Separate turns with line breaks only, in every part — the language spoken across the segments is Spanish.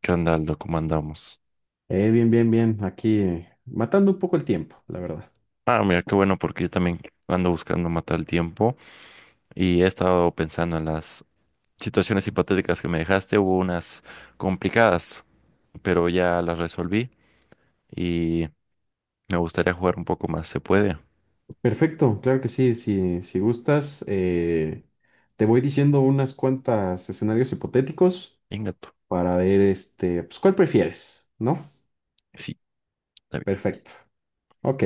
¿Qué onda, Aldo? ¿Cómo andamos?
Bien, bien, bien. Aquí, matando un poco el tiempo, la verdad.
Ah, mira, qué bueno, porque yo también ando buscando matar el tiempo y he estado pensando en las situaciones hipotéticas que me dejaste. Hubo unas complicadas, pero ya las resolví y me gustaría jugar un poco más. ¿Se puede?
Perfecto, claro que sí. Si gustas, te voy diciendo unas cuantas escenarios hipotéticos
Ingato.
para ver, pues, cuál prefieres, ¿no?
Sí, está bien.
Perfecto. Ok,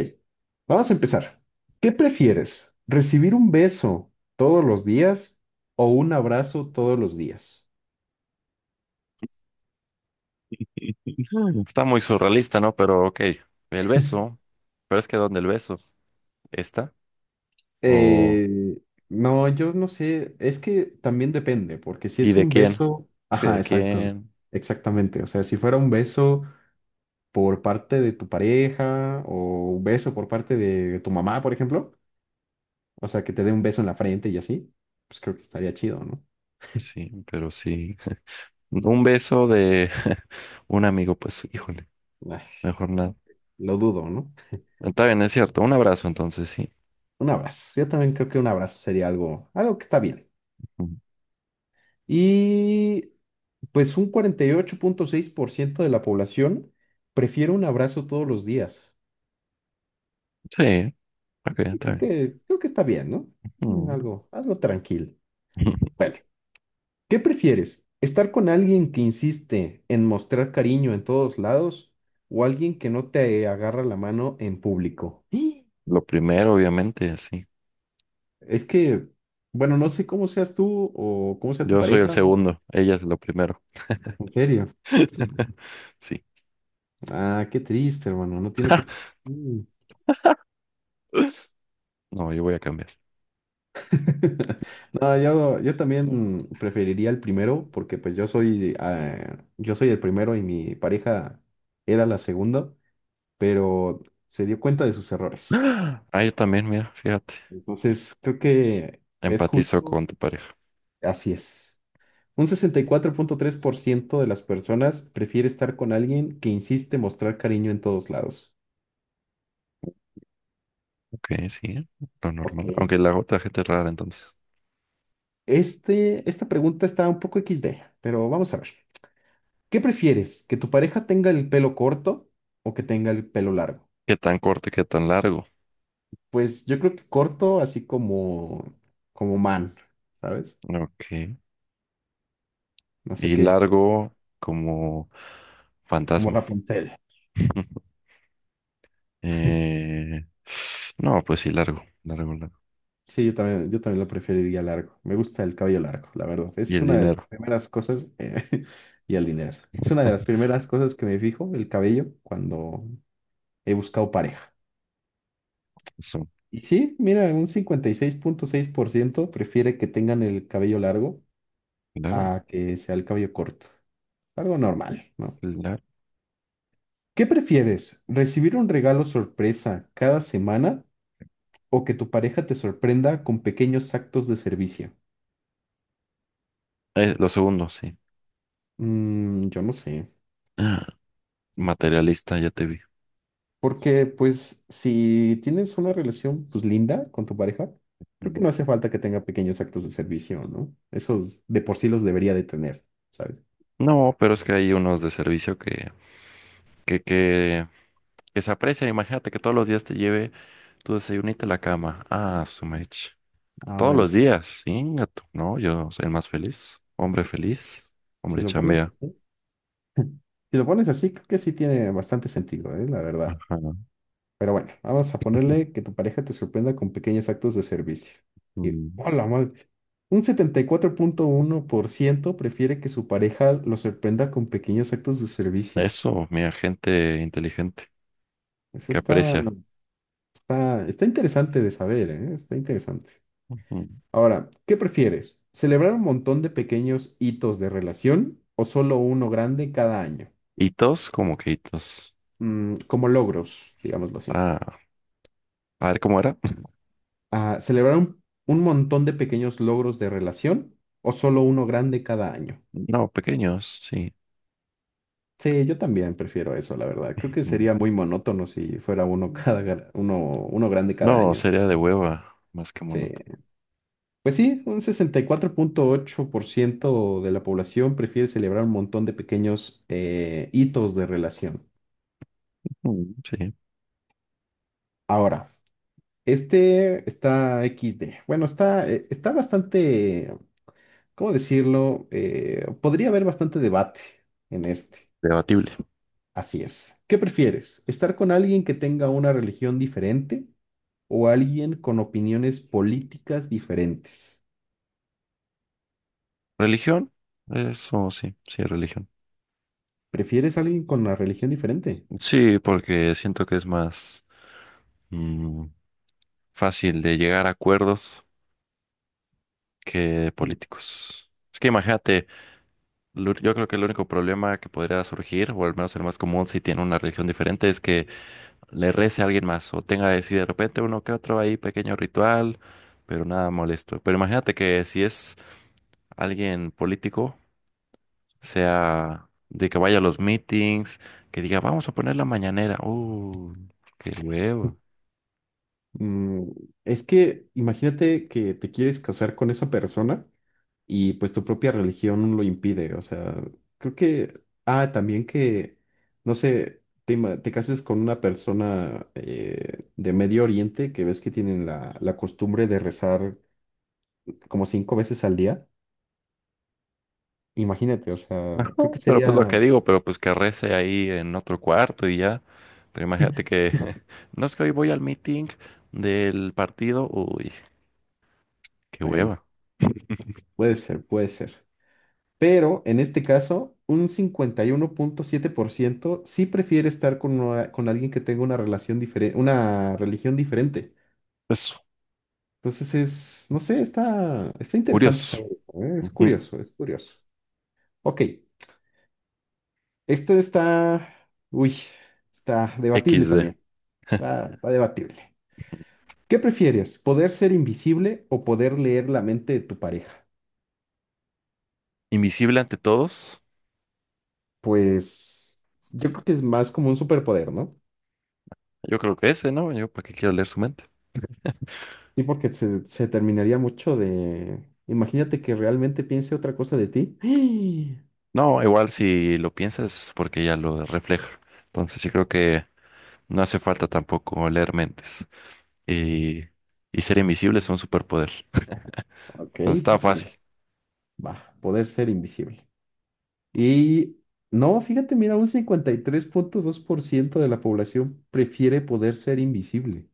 vamos a empezar. ¿Qué prefieres? ¿Recibir un beso todos los días o un abrazo todos los días?
Mm. Está muy surrealista, ¿no? Pero ok. El beso. Pero es que ¿dónde el beso? ¿Está? ¿O...
Eh, no, yo no sé, es que también depende, porque si
¿Y
es
de
un
quién?
beso,
Es que
ajá,
de
exacto,
quién.
exactamente. O sea, si fuera un beso por parte de tu pareja o un beso por parte de tu mamá, por ejemplo, o sea, que te dé un beso en la frente y así, pues creo que estaría chido, ¿no?
Sí, pero sí. Un beso de un amigo, pues, híjole.
Ay,
Mejor nada.
lo dudo, ¿no?
Está bien, es cierto. Un abrazo entonces, sí.
Un abrazo, yo también creo que un abrazo sería algo que está bien.
Ujú.
Y pues un 48.6% de la población prefiere un abrazo todos los días.
Sí, ok, está
Creo
bien.
que, creo que está bien, ¿no? Mm,
Ujú.
Algo, algo tranquilo. Bueno, ¿qué prefieres? ¿Estar con alguien que insiste en mostrar cariño en todos lados o alguien que no te agarra la mano en público? ¡Ih!
Lo primero, obviamente, sí.
Es que, bueno, no sé cómo seas tú o cómo sea tu
Yo soy el
pareja, ¿no?
segundo, ella es lo primero.
En serio.
Sí.
Ah, qué triste, hermano. No tiene por qué ser así.
No, yo voy a cambiar.
No, yo también preferiría el primero, porque pues yo soy el primero y mi pareja era la segunda, pero se dio cuenta de sus errores.
Ah, yo también, mira, fíjate.
Entonces, creo que es
Empatizo
justo,
con tu pareja.
así es. Un 64.3% de las personas prefiere estar con alguien que insiste mostrar cariño en todos lados.
Ok, sí, lo normal.
Ok.
Aunque la otra gente es rara, entonces.
Esta pregunta está un poco XD, pero vamos a ver. ¿Qué prefieres? ¿Que tu pareja tenga el pelo corto o que tenga el pelo largo?
¿Qué tan corto y qué tan largo?
Pues yo creo que corto, así como man, ¿sabes?
Ok.
No sé
Y
qué,
largo como
como
fantasma.
Rapunzel.
Eh, no, pues sí, largo, largo, largo.
Sí, yo también lo preferiría largo. Me gusta el cabello largo, la verdad.
Y
Es
el
una de las
dinero,
primeras cosas, y el dinero. Es una de las primeras cosas que me fijo, el cabello, cuando he buscado pareja.
eso,
Y sí, mira, un cincuenta y seis punto seis por ciento prefiere que tengan el cabello largo
claro,
a que sea el cabello corto. Algo normal, ¿no?
claro.
¿Qué prefieres? ¿Recibir un regalo sorpresa cada semana o que tu pareja te sorprenda con pequeños actos de servicio?
Lo segundo, sí.
Yo no sé.
Ah, materialista, ya te vi.
Porque pues si tienes una relación pues linda con tu pareja, creo que
Mm.
no hace falta que tenga pequeños actos de servicio, ¿no? Esos de por sí los debería de tener, ¿sabes?
No, pero es que hay unos de servicio que, que, que se aprecian. Imagínate que todos los días te lleve tu desayunito a la cama. Ah, su mecha.
Ah,
Todos
bueno,
los días, sí, gato. No, yo soy el más feliz. Hombre feliz,
si
hombre
lo pones
chambea.
así, si lo pones así, creo que sí tiene bastante sentido, ¿eh? La verdad.
Ajá.
Pero bueno, vamos a ponerle que tu pareja te sorprenda con pequeños actos de servicio. Y,
Mm.
hola, madre. Un 74.1% prefiere que su pareja lo sorprenda con pequeños actos de servicio.
Eso, mira, gente inteligente
Eso
que
está
aprecia.
está interesante de saber, ¿eh? Está interesante.
Ujú.
Ahora, ¿qué prefieres? ¿Celebrar un montón de pequeños hitos de relación o solo uno grande cada año?
Hitos, como que hitos.
Como logros, digámoslo así.
Ah, a ver cómo era.
Ah, ¿celebrar un montón de pequeños logros de relación o solo uno grande cada año?
No, pequeños, sí.
Sí, yo también prefiero eso, la verdad. Creo que
Mm.
sería muy monótono si fuera uno uno grande cada
No,
año.
sería de hueva, más que
Sí.
monótono.
Pues sí, un 64.8% de la población prefiere celebrar un montón de pequeños, hitos de relación.
Mm, sí,
Ahora, este está XD. Bueno, está bastante, ¿cómo decirlo? Podría haber bastante debate en este.
debatible.
Así es. ¿Qué prefieres? ¿Estar con alguien que tenga una religión diferente o alguien con opiniones políticas diferentes?
¿Religión? Eso sí, sí, religión.
¿Prefieres a alguien con una religión diferente?
Sí, porque siento que es más mm, fácil de llegar a acuerdos que políticos. Es que imagínate, yo creo que el único problema que podría surgir, o al menos el más común si tiene una religión diferente, es que le rece a alguien más o tenga así de repente uno que otro ahí pequeño ritual, pero nada molesto. Pero imagínate que si es alguien político, sea de que vaya a los meetings, que diga, vamos a poner la mañanera. Qué huevo.
Mm, es que imagínate que te quieres casar con esa persona y pues tu propia religión lo impide. O sea, creo que, también que, no sé, te cases con una persona, de Medio Oriente, que ves que tienen la costumbre de rezar como 5 veces al día. Imagínate, o sea,
Ajá.
creo que
Pero
sería,
pues lo que digo, pero pues que rece ahí en otro cuarto y ya. Pero imagínate que, no, es que hoy voy al meeting del partido. Uy, qué
bueno,
hueva.
puede ser, puede ser. Pero en este caso, un 51.7% sí prefiere estar con alguien que tenga una relación diferente, una religión diferente.
Eso,
Entonces es, no sé, está interesante
curioso.
saber eso, ¿eh? Es
Ujú.
curioso, es curioso. Ok, este está, uy, está debatible
Equis de.
también, está, está debatible. ¿Qué prefieres, poder ser invisible o poder leer la mente de tu pareja?
Invisible ante todos.
Pues yo creo que es más como un superpoder, ¿no?
Yo creo que ese, ¿no? Yo, ¿para qué quiero leer su mente?
Sí, porque se terminaría mucho de... Imagínate que realmente piense otra cosa de ti.
No, igual si lo piensas, porque ya lo refleja. Entonces, yo creo que no hace falta tampoco leer mentes. Y, y ser invisible es un superpoder.
Ok,
Entonces, está fácil.
bueno, va, poder ser invisible. Y no, fíjate, mira, un 53.2% de la población prefiere poder ser invisible.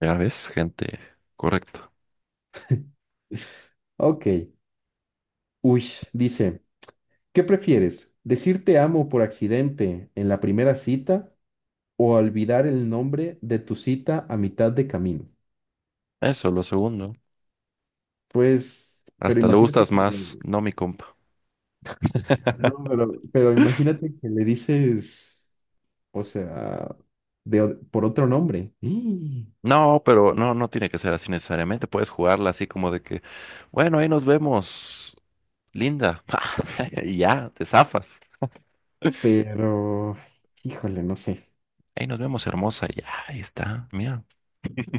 Ya ves, gente, correcto.
Ok, uy, dice, ¿qué prefieres? ¿Decir te amo por accidente en la primera cita o olvidar el nombre de tu cita a mitad de camino?
Eso, lo segundo.
Pues, pero
Hasta le
imagínate
gustas
que le...
más, no mi compa.
No, pero imagínate que le dices, o sea, por otro nombre. ¡Ih!
No, pero no, no tiene que ser así necesariamente. Puedes jugarla así como de que, bueno, ahí nos vemos, linda. Y ya, te zafas.
Pero, híjole, no sé.
Ahí nos vemos, hermosa. Y ya, ahí está. Mira.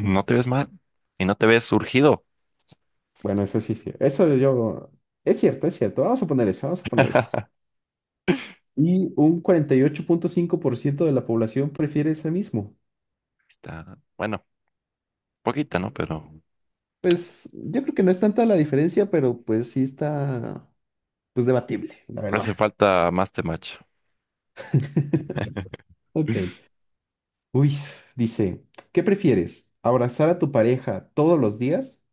No te ves mal y no te ves surgido.
Bueno, eso sí, sí. Eso yo. Es cierto, es cierto. Vamos a poner eso, vamos a poner eso. Y un 48.5% de la población prefiere ese mismo.
Está, bueno, poquita, ¿no? Pero
Pues yo creo que no es tanta la diferencia, pero pues sí está, pues debatible, la verdad.
hace falta más temacho.
Ok. Uy, dice, ¿qué prefieres? ¿Abrazar a tu pareja todos los días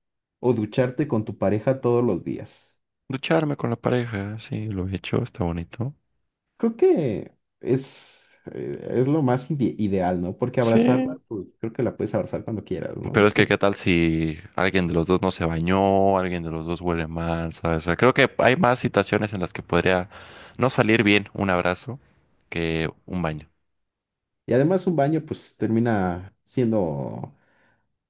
o ducharte con tu pareja todos los días?
Ducharme con la pareja, sí, lo he hecho, está bonito.
Creo que es lo más ideal, ¿no? Porque abrazarla,
Sí.
pues creo que la puedes abrazar cuando quieras, ¿no?
Pero es que, ¿qué tal si alguien de los dos no se bañó, alguien de los dos huele mal, ¿sabes? O sea, creo que hay más situaciones en las que podría no salir bien un abrazo que un baño.
Y además un baño, pues termina siendo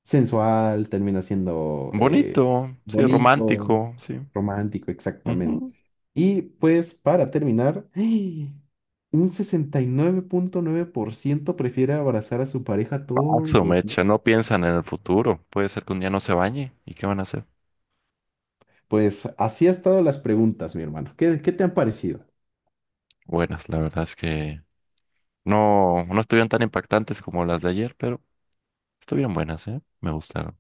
sensual, termina siendo,
Bonito, sí,
bonito,
romántico, sí.
romántico, exactamente.
Ujú.
Y pues para terminar, un sesenta y nueve punto nueve por ciento prefiere abrazar a su pareja todos
Paso,
los días.
mecha, no piensan en el futuro. Puede ser que un día no se bañe. ¿Y qué van a hacer?
Pues así ha estado las preguntas, mi hermano. ¿Qué te han parecido?
Buenas, la verdad es que no, no estuvieron tan impactantes como las de ayer, pero estuvieron buenas, ¿eh? Me gustaron.